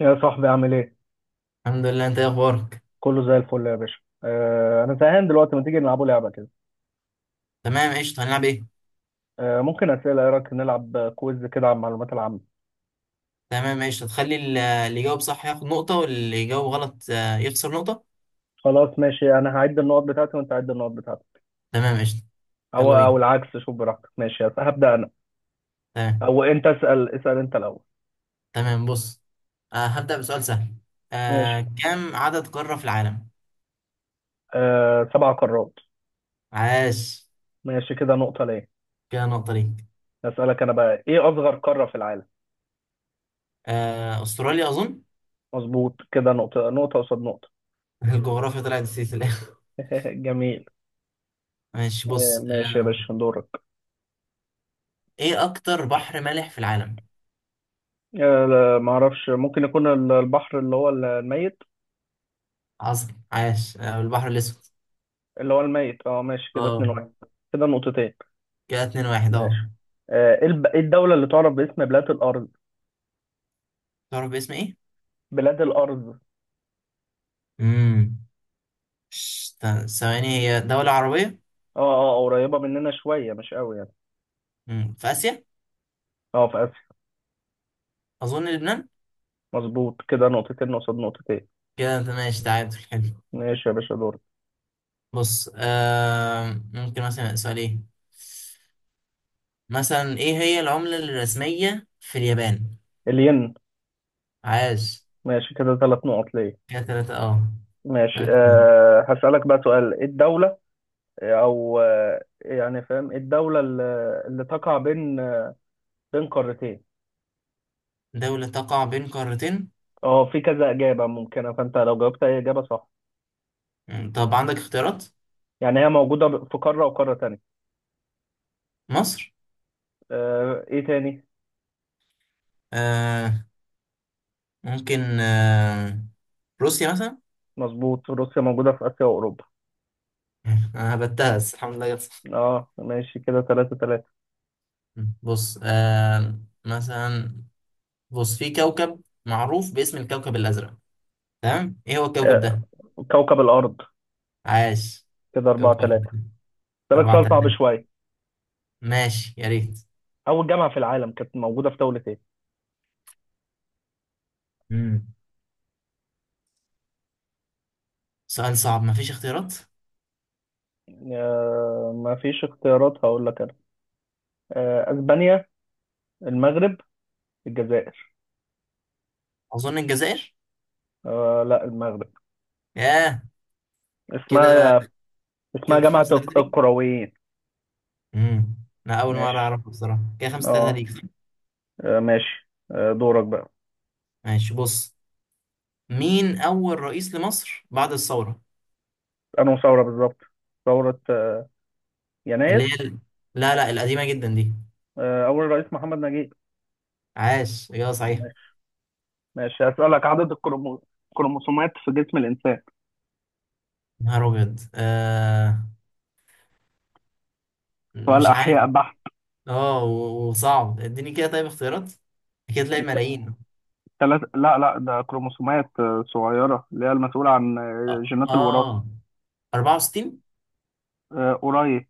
يا صاحبي، عامل ايه؟ الحمد لله، انت ايه اخبارك؟ كله زي الفل يا باشا. انا زهقان دلوقتي، ما تيجي نلعبوا لعبة كده. تمام، قشطة. هنلعب ايه؟ ممكن اسئلة، ايه رايك نلعب كويز كده عن المعلومات العامة. تمام، قشطة. تخلي اللي يجاوب صح ياخد نقطة، واللي يجاوب غلط يخسر نقطة. خلاص ماشي، انا هعد النقط بتاعتي وانت عد النقط بتاعتك. تمام، قشطة. او يلا او بينا. العكس، شوف براحتك. ماشي، هبدأ انا. تمام. او انت اسأل، اسأل انت الاول. تمام، بص، هبدأ بسؤال سهل. ماشي. كم عدد قارة في العالم؟ سبع قارات. عاش. ماشي، كده نقطة ليه؟ كده نقطة ليك. اسألك انا بقى، ايه اصغر قارة في العالم؟ استراليا اظن. مظبوط، كده نقطة، نقطة قصاد نقطة. الجغرافيا طلعت نسيت في الاخر. جميل. ماشي، بص. ماشي يا باشا، دورك. ايه اكتر بحر مالح في العالم؟ لا، معرفش. ممكن يكون البحر اللي هو الميت. عظم، عاش. البحر الاسود. اللي هو الميت. اه ماشي كده، 2 اه، 1. كده نقطتين. كده 2-1، ماشي اه. إيه الدولة اللي تعرف باسم بلاد الأرض؟ تعرف باسم ايه؟ بلاد الأرض. امم. ثواني، هي دولة عربية؟ قريبة مننا شوية، مش قوي يعني. في آسيا. اه، في آسيا. أظن لبنان. مظبوط، كده نقطتين قصاد نقطتين. كده أنت ماشي. تعادل حلو. ماشي يا باشا، دور. بص، ممكن مثلا سؤال إيه. مثلا، إيه هي العملة الرسمية في اليابان؟ الين. عاش. ماشي، كده ثلاث نقط ليه. كده تلاتة، أه. ماشي، 3-2. هسألك بقى سؤال، ايه الدولة؟ آه، او آه، يعني فاهم، ايه الدولة اللي، اللي تقع بين، بين قارتين؟ دولة تقع بين قارتين؟ اه، في كذا إجابة ممكنة، فأنت لو جاوبت أي إجابة صح. طب عندك اختيارات؟ يعني هي موجودة في قارة وقارة تانية. مصر. ايه تاني؟ آه ممكن، روسيا مثلا. مظبوط، روسيا موجودة في آسيا وأوروبا. أنا هبتها بس الحمد لله جت صح. اه ماشي، كده تلاتة تلاتة. بص، مثلا. بص، في كوكب معروف باسم الكوكب الأزرق، تمام، إيه هو الكوكب آه، ده؟ كوكب الأرض. عاش. كده أربعة كوكب تلاتة. الأرض. سألك أربعة سؤال صعب تلاتة شوية. ماشي، يا ريت. أول جامعة في العالم كانت موجودة في دولة ايه؟ امم. سؤال صعب، مفيش اختيارات؟ ما فيش اختيارات، هقول لك أنا. أسبانيا، المغرب، الجزائر. أظن الجزائر. لا، المغرب. ياه. كده. اسمها، اسمها كده جامعة خمسة تلاتة ليك. القرويين. امم. أنا أول مرة ماشي. أعرفه بصراحة. كده 5-3 اه. ليك، صح؟ ماشي دورك بقى. ماشي، بص. مين أول رئيس لمصر بعد الثورة؟ أنهي ثورة بالظبط؟ ثورة اللي هي يناير. ال... لا، لا، القديمة جدا دي. أول رئيس محمد نجيب. عاش، إجابة صحيحة. ماشي، هسألك عدد الكروموسومات في جسم الإنسان. نهار أبيض. سؤال مش عارف. أحياء بحت. اه، و- وصعب، اديني كده، طيب، اختيارات. كده تلاقي ملايين. لا لا، ده كروموسومات صغيرة، اللي هي المسؤولة عن اه، جينات الوراثة. آه. 64، قريب.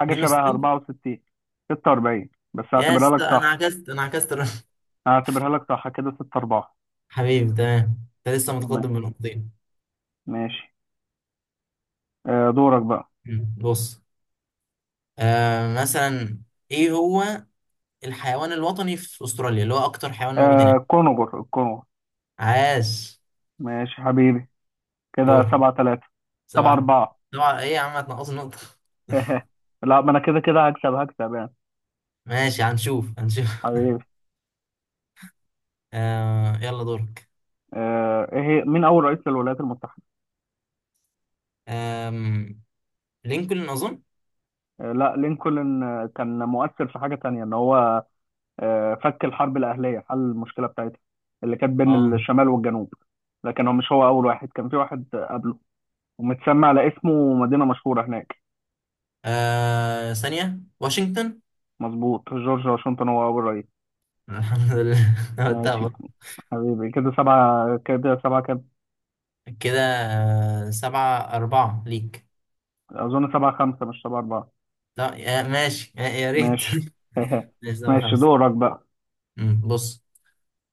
حاجة شبه 62. 64. 46، بس يا هعتبرها اسطى، لك انا صح. عكست انا عكست الرقم. كده 6 4. حبيبي، تمام. انت لسه تمام. متقدم بنقطتين. ماشي، دورك بقى. بص، مثلا. ايه هو الحيوان الوطني في استراليا، اللي هو اكتر حيوان موجود آه، هناك؟ كونغر الكونغر. عاش. ماشي حبيبي، كده دور. 7 3. 7 سبعة. 4. سبعة ايه يا عم؟ هتنقص النقطة؟ لا، ما انا كده كده هكسب، هكسب يعني. ماشي، هنشوف هنشوف. حبيبي. يلا، دورك. آه، ايه هي مين اول رئيس للولايات المتحدة؟ آم... لينكولن اظن. لا، لينكولن كان مؤثر في حاجة تانية، ان هو فك الحرب الأهلية، حل المشكلة بتاعتها، اللي كانت بين اه، الشمال والجنوب. لكن هو مش هو أول واحد، كان في واحد قبله، ومتسمى على اسمه مدينة مشهورة هناك. ثانية، واشنطن. مظبوط، جورج واشنطن هو أول رئيس. الحمد لله، قلتها ماشي برضه. حبيبي، كده سبعة، كده سبعة كده. كده، 7-4 ليك. أظن سبعة خمسة مش سبعة أربعة. لا، ماشي، يا ريت. ماشي. ماشي، سبعة ماشي، خمسة دورك بقى. بص،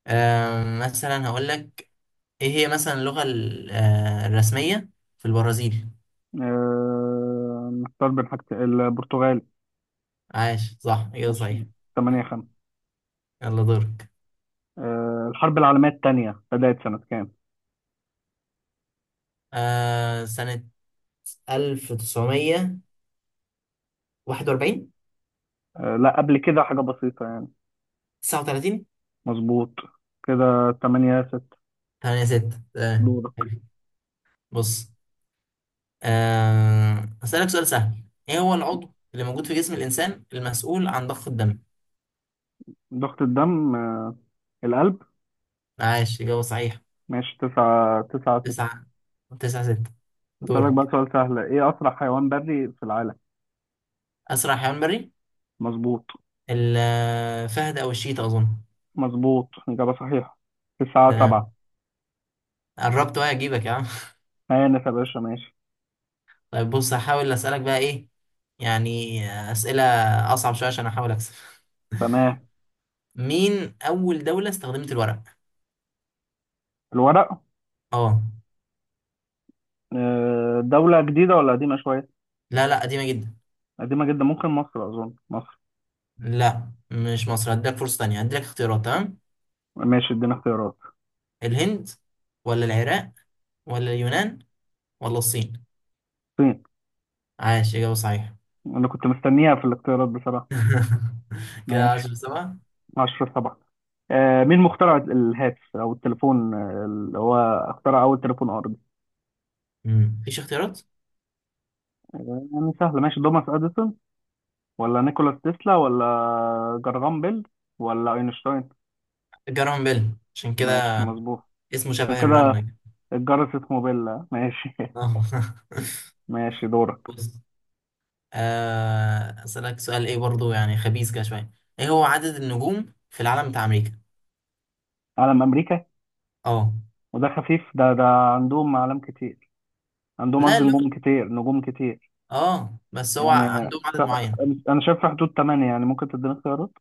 مثلا هقول لك، إيه هي مثلا اللغة الرسمية في البرازيل؟ نختار بين حاجتين، البرتغال. عاش، صح، إجابة صحيح. ماشي، تمانية خمسة. يلا، دورك. الحرب العالمية التانية بدأت سنة كام؟ سنة 1941. لا، قبل كده حاجة بسيطة يعني. 39. مظبوط. كده تمانية ست. 8-6، تمام، دورك. حلو. بص، أسألك سؤال سهل. إيه هو العضو اللي موجود في جسم الإنسان المسؤول عن ضخ الدم؟ ضغط الدم، القلب. عاش، إجابة صحيحة. ماشي، تسعة. تسعة ست. تسعة، تسعة ستة. أسألك بقى دورك. سؤال سهل، إيه أسرع حيوان بري في العالم؟ أسرع حيوان بري؟ مظبوط. الفهد أو الشيتا أظن. مظبوط، إجابة صحيحة. ده تسعة أنا سبعة. قربت وهي أجيبك يا عم. هانف يا باشا، ماشي. طيب، بص، هحاول أسألك بقى إيه، يعني، أسئلة أصعب شوية عشان أحاول أكسب. تمام. مين أول دولة استخدمت الورق؟ الورق. أه. دولة جديدة ولا قديمة شوية؟ لا، لا، قديمة جدا. قديمة جدا، ممكن مصر، أظن مصر. لا، مش مصر. هديلك فرصة تانية، هديلك اختيارات، تمام؟ ماشي، ادينا اختيارات. الهند، ولا العراق، ولا اليونان، ولا الصين؟ الصين. عاش، إجابة صحيحة. أنا كنت مستنيها في الاختيارات بصراحة. كده ماشي، 10-7. اشرف طبعا. مين مخترع الهاتف او التليفون، اللي هو اخترع اول تليفون ارضي؟ مفيش اختيارات. يعني سهله. ماشي، توماس اديسون، ولا نيكولاس تسلا، ولا جرغام بيل، ولا اينشتاين؟ جارون بيل، عشان ماشي كده. مظبوط. اسمه عشان شبه الرنة كده كده. الجرس اسمه بيل ماشي. آه. ماشي، دورك. بص، أسألك سؤال إيه برضو، يعني خبيث كده شوية. إيه هو عدد النجوم في العالم بتاع أمريكا؟ علم امريكا. أه. وده خفيف ده. عندهم اعلام كتير. عندهم، لا، قصدي، اللي هو، نجوم كتير، نجوم كتير. أه، بس هو يعني، عندهم ف- عدد معين. انا شايف في حدود 8، يعني ممكن تديني اختيارات.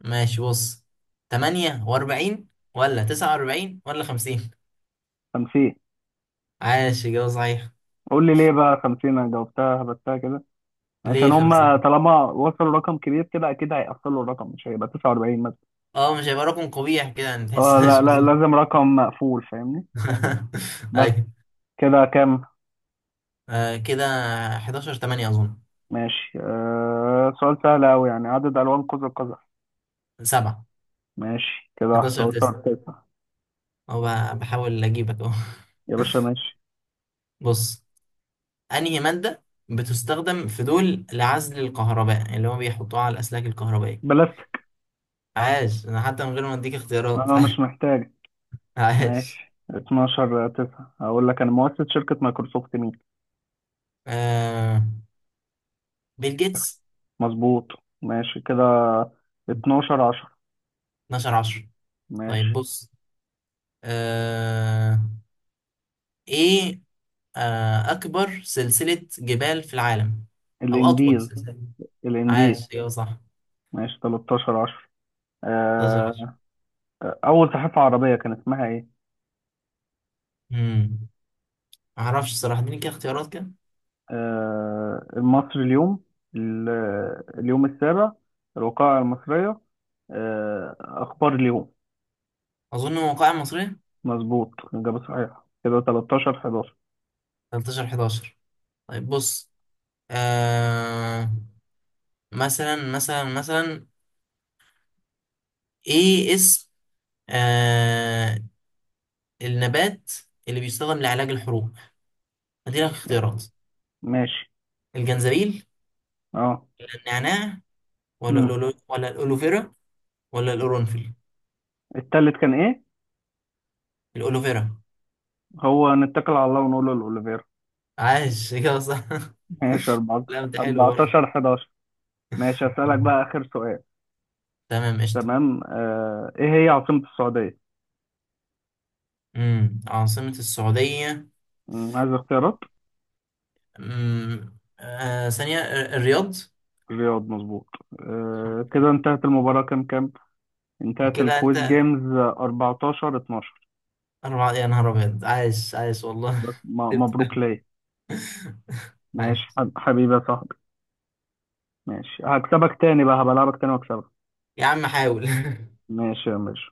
ماشي، بص، 48، ولا 49، ولا 50؟ 50. عاش، إجابة صحيحة. قول لي ليه بقى 50، انا جاوبتها هبتها كده. ليه عشان هم 50؟ طالما وصلوا رقم كبير كده، اكيد هيقفلوا الرقم، مش هيبقى 49 مثلا. أه، مش هيبقى رقم قبيح كده يعني، تحس اه لا لا، مش. لازم رقم مقفول، فاهمني. بس. ايوه. كده كام؟ كده 11 8 اظن. ماشي، سؤال سهل قوي يعني، عدد الوان قوس قزح. 7. ماشي كده، 11 9. 11 9. هو بحاول اجيبك اهو. يا باشا ماشي. بص، انهي مادة بتستخدم في دول لعزل الكهرباء، اللي هو بيحطوها على الاسلاك الكهربائية؟ بلاستيك. عاش. انا حتى من غير ما اديك اختيارات. انا مش محتاج. عاش. ماشي، 12 9. هقول لك انا، مؤسس شركة مايكروسوفت مين؟ آه بيل جيتس. مظبوط. ماشي كده، 12 10. 12 10. طيب، ماشي. بص، آه ايه، اكبر سلسلة جبال في العالم، او اطول الانديز. سلسلة؟ الانديز. عاش، ايوه، صح. ماشي، 13 10. 12. أول صحيفة عربية كان اسمها إيه؟ امم. ما اعرفش الصراحه، اديني كده اختيارات كده. مصر اليوم، ال- اليوم السابع، الوقائع المصرية، أخبار اليوم. اظن موقعي مصرية. مظبوط، إجابة صحيحة. كده 13 11. 13 11. طيب، بص، آه مثلا، ايه اسم آه النبات اللي بيستخدم لعلاج الحروق؟ اديلك اختيارات. ماشي. الجنزبيل، أه. النعناع، ولا مم. ولا الألوفيرا، ولا القرنفل؟ التالت كان إيه؟ الألوفيرا. هو، نتكل على الله ونقول له الأوليفيرا. عاش، كده صح. ماشي، لا، انت حلو برضه. 14 11. ماشي، أسألك بقى آخر سؤال. تمام، قشطة. تمام، إيه هي عاصمة السعودية؟ عاصمة السعودية. عايز اختيارات؟ ثانية. الرياض. الرياض مظبوط. كده انتهت المباراة، كام كام؟ انتهت كده الكويز انت جيمز، 14 12. 4، يا نهار ابيض، عايش عايش والله. بس سبت مبروك ده. ليا. ماشي عايش. حبيبي يا صاحبي. ماشي، هكسبك تاني بقى، هبلعبك تاني واكسبك. يا عم، حاول. ماشي يا باشا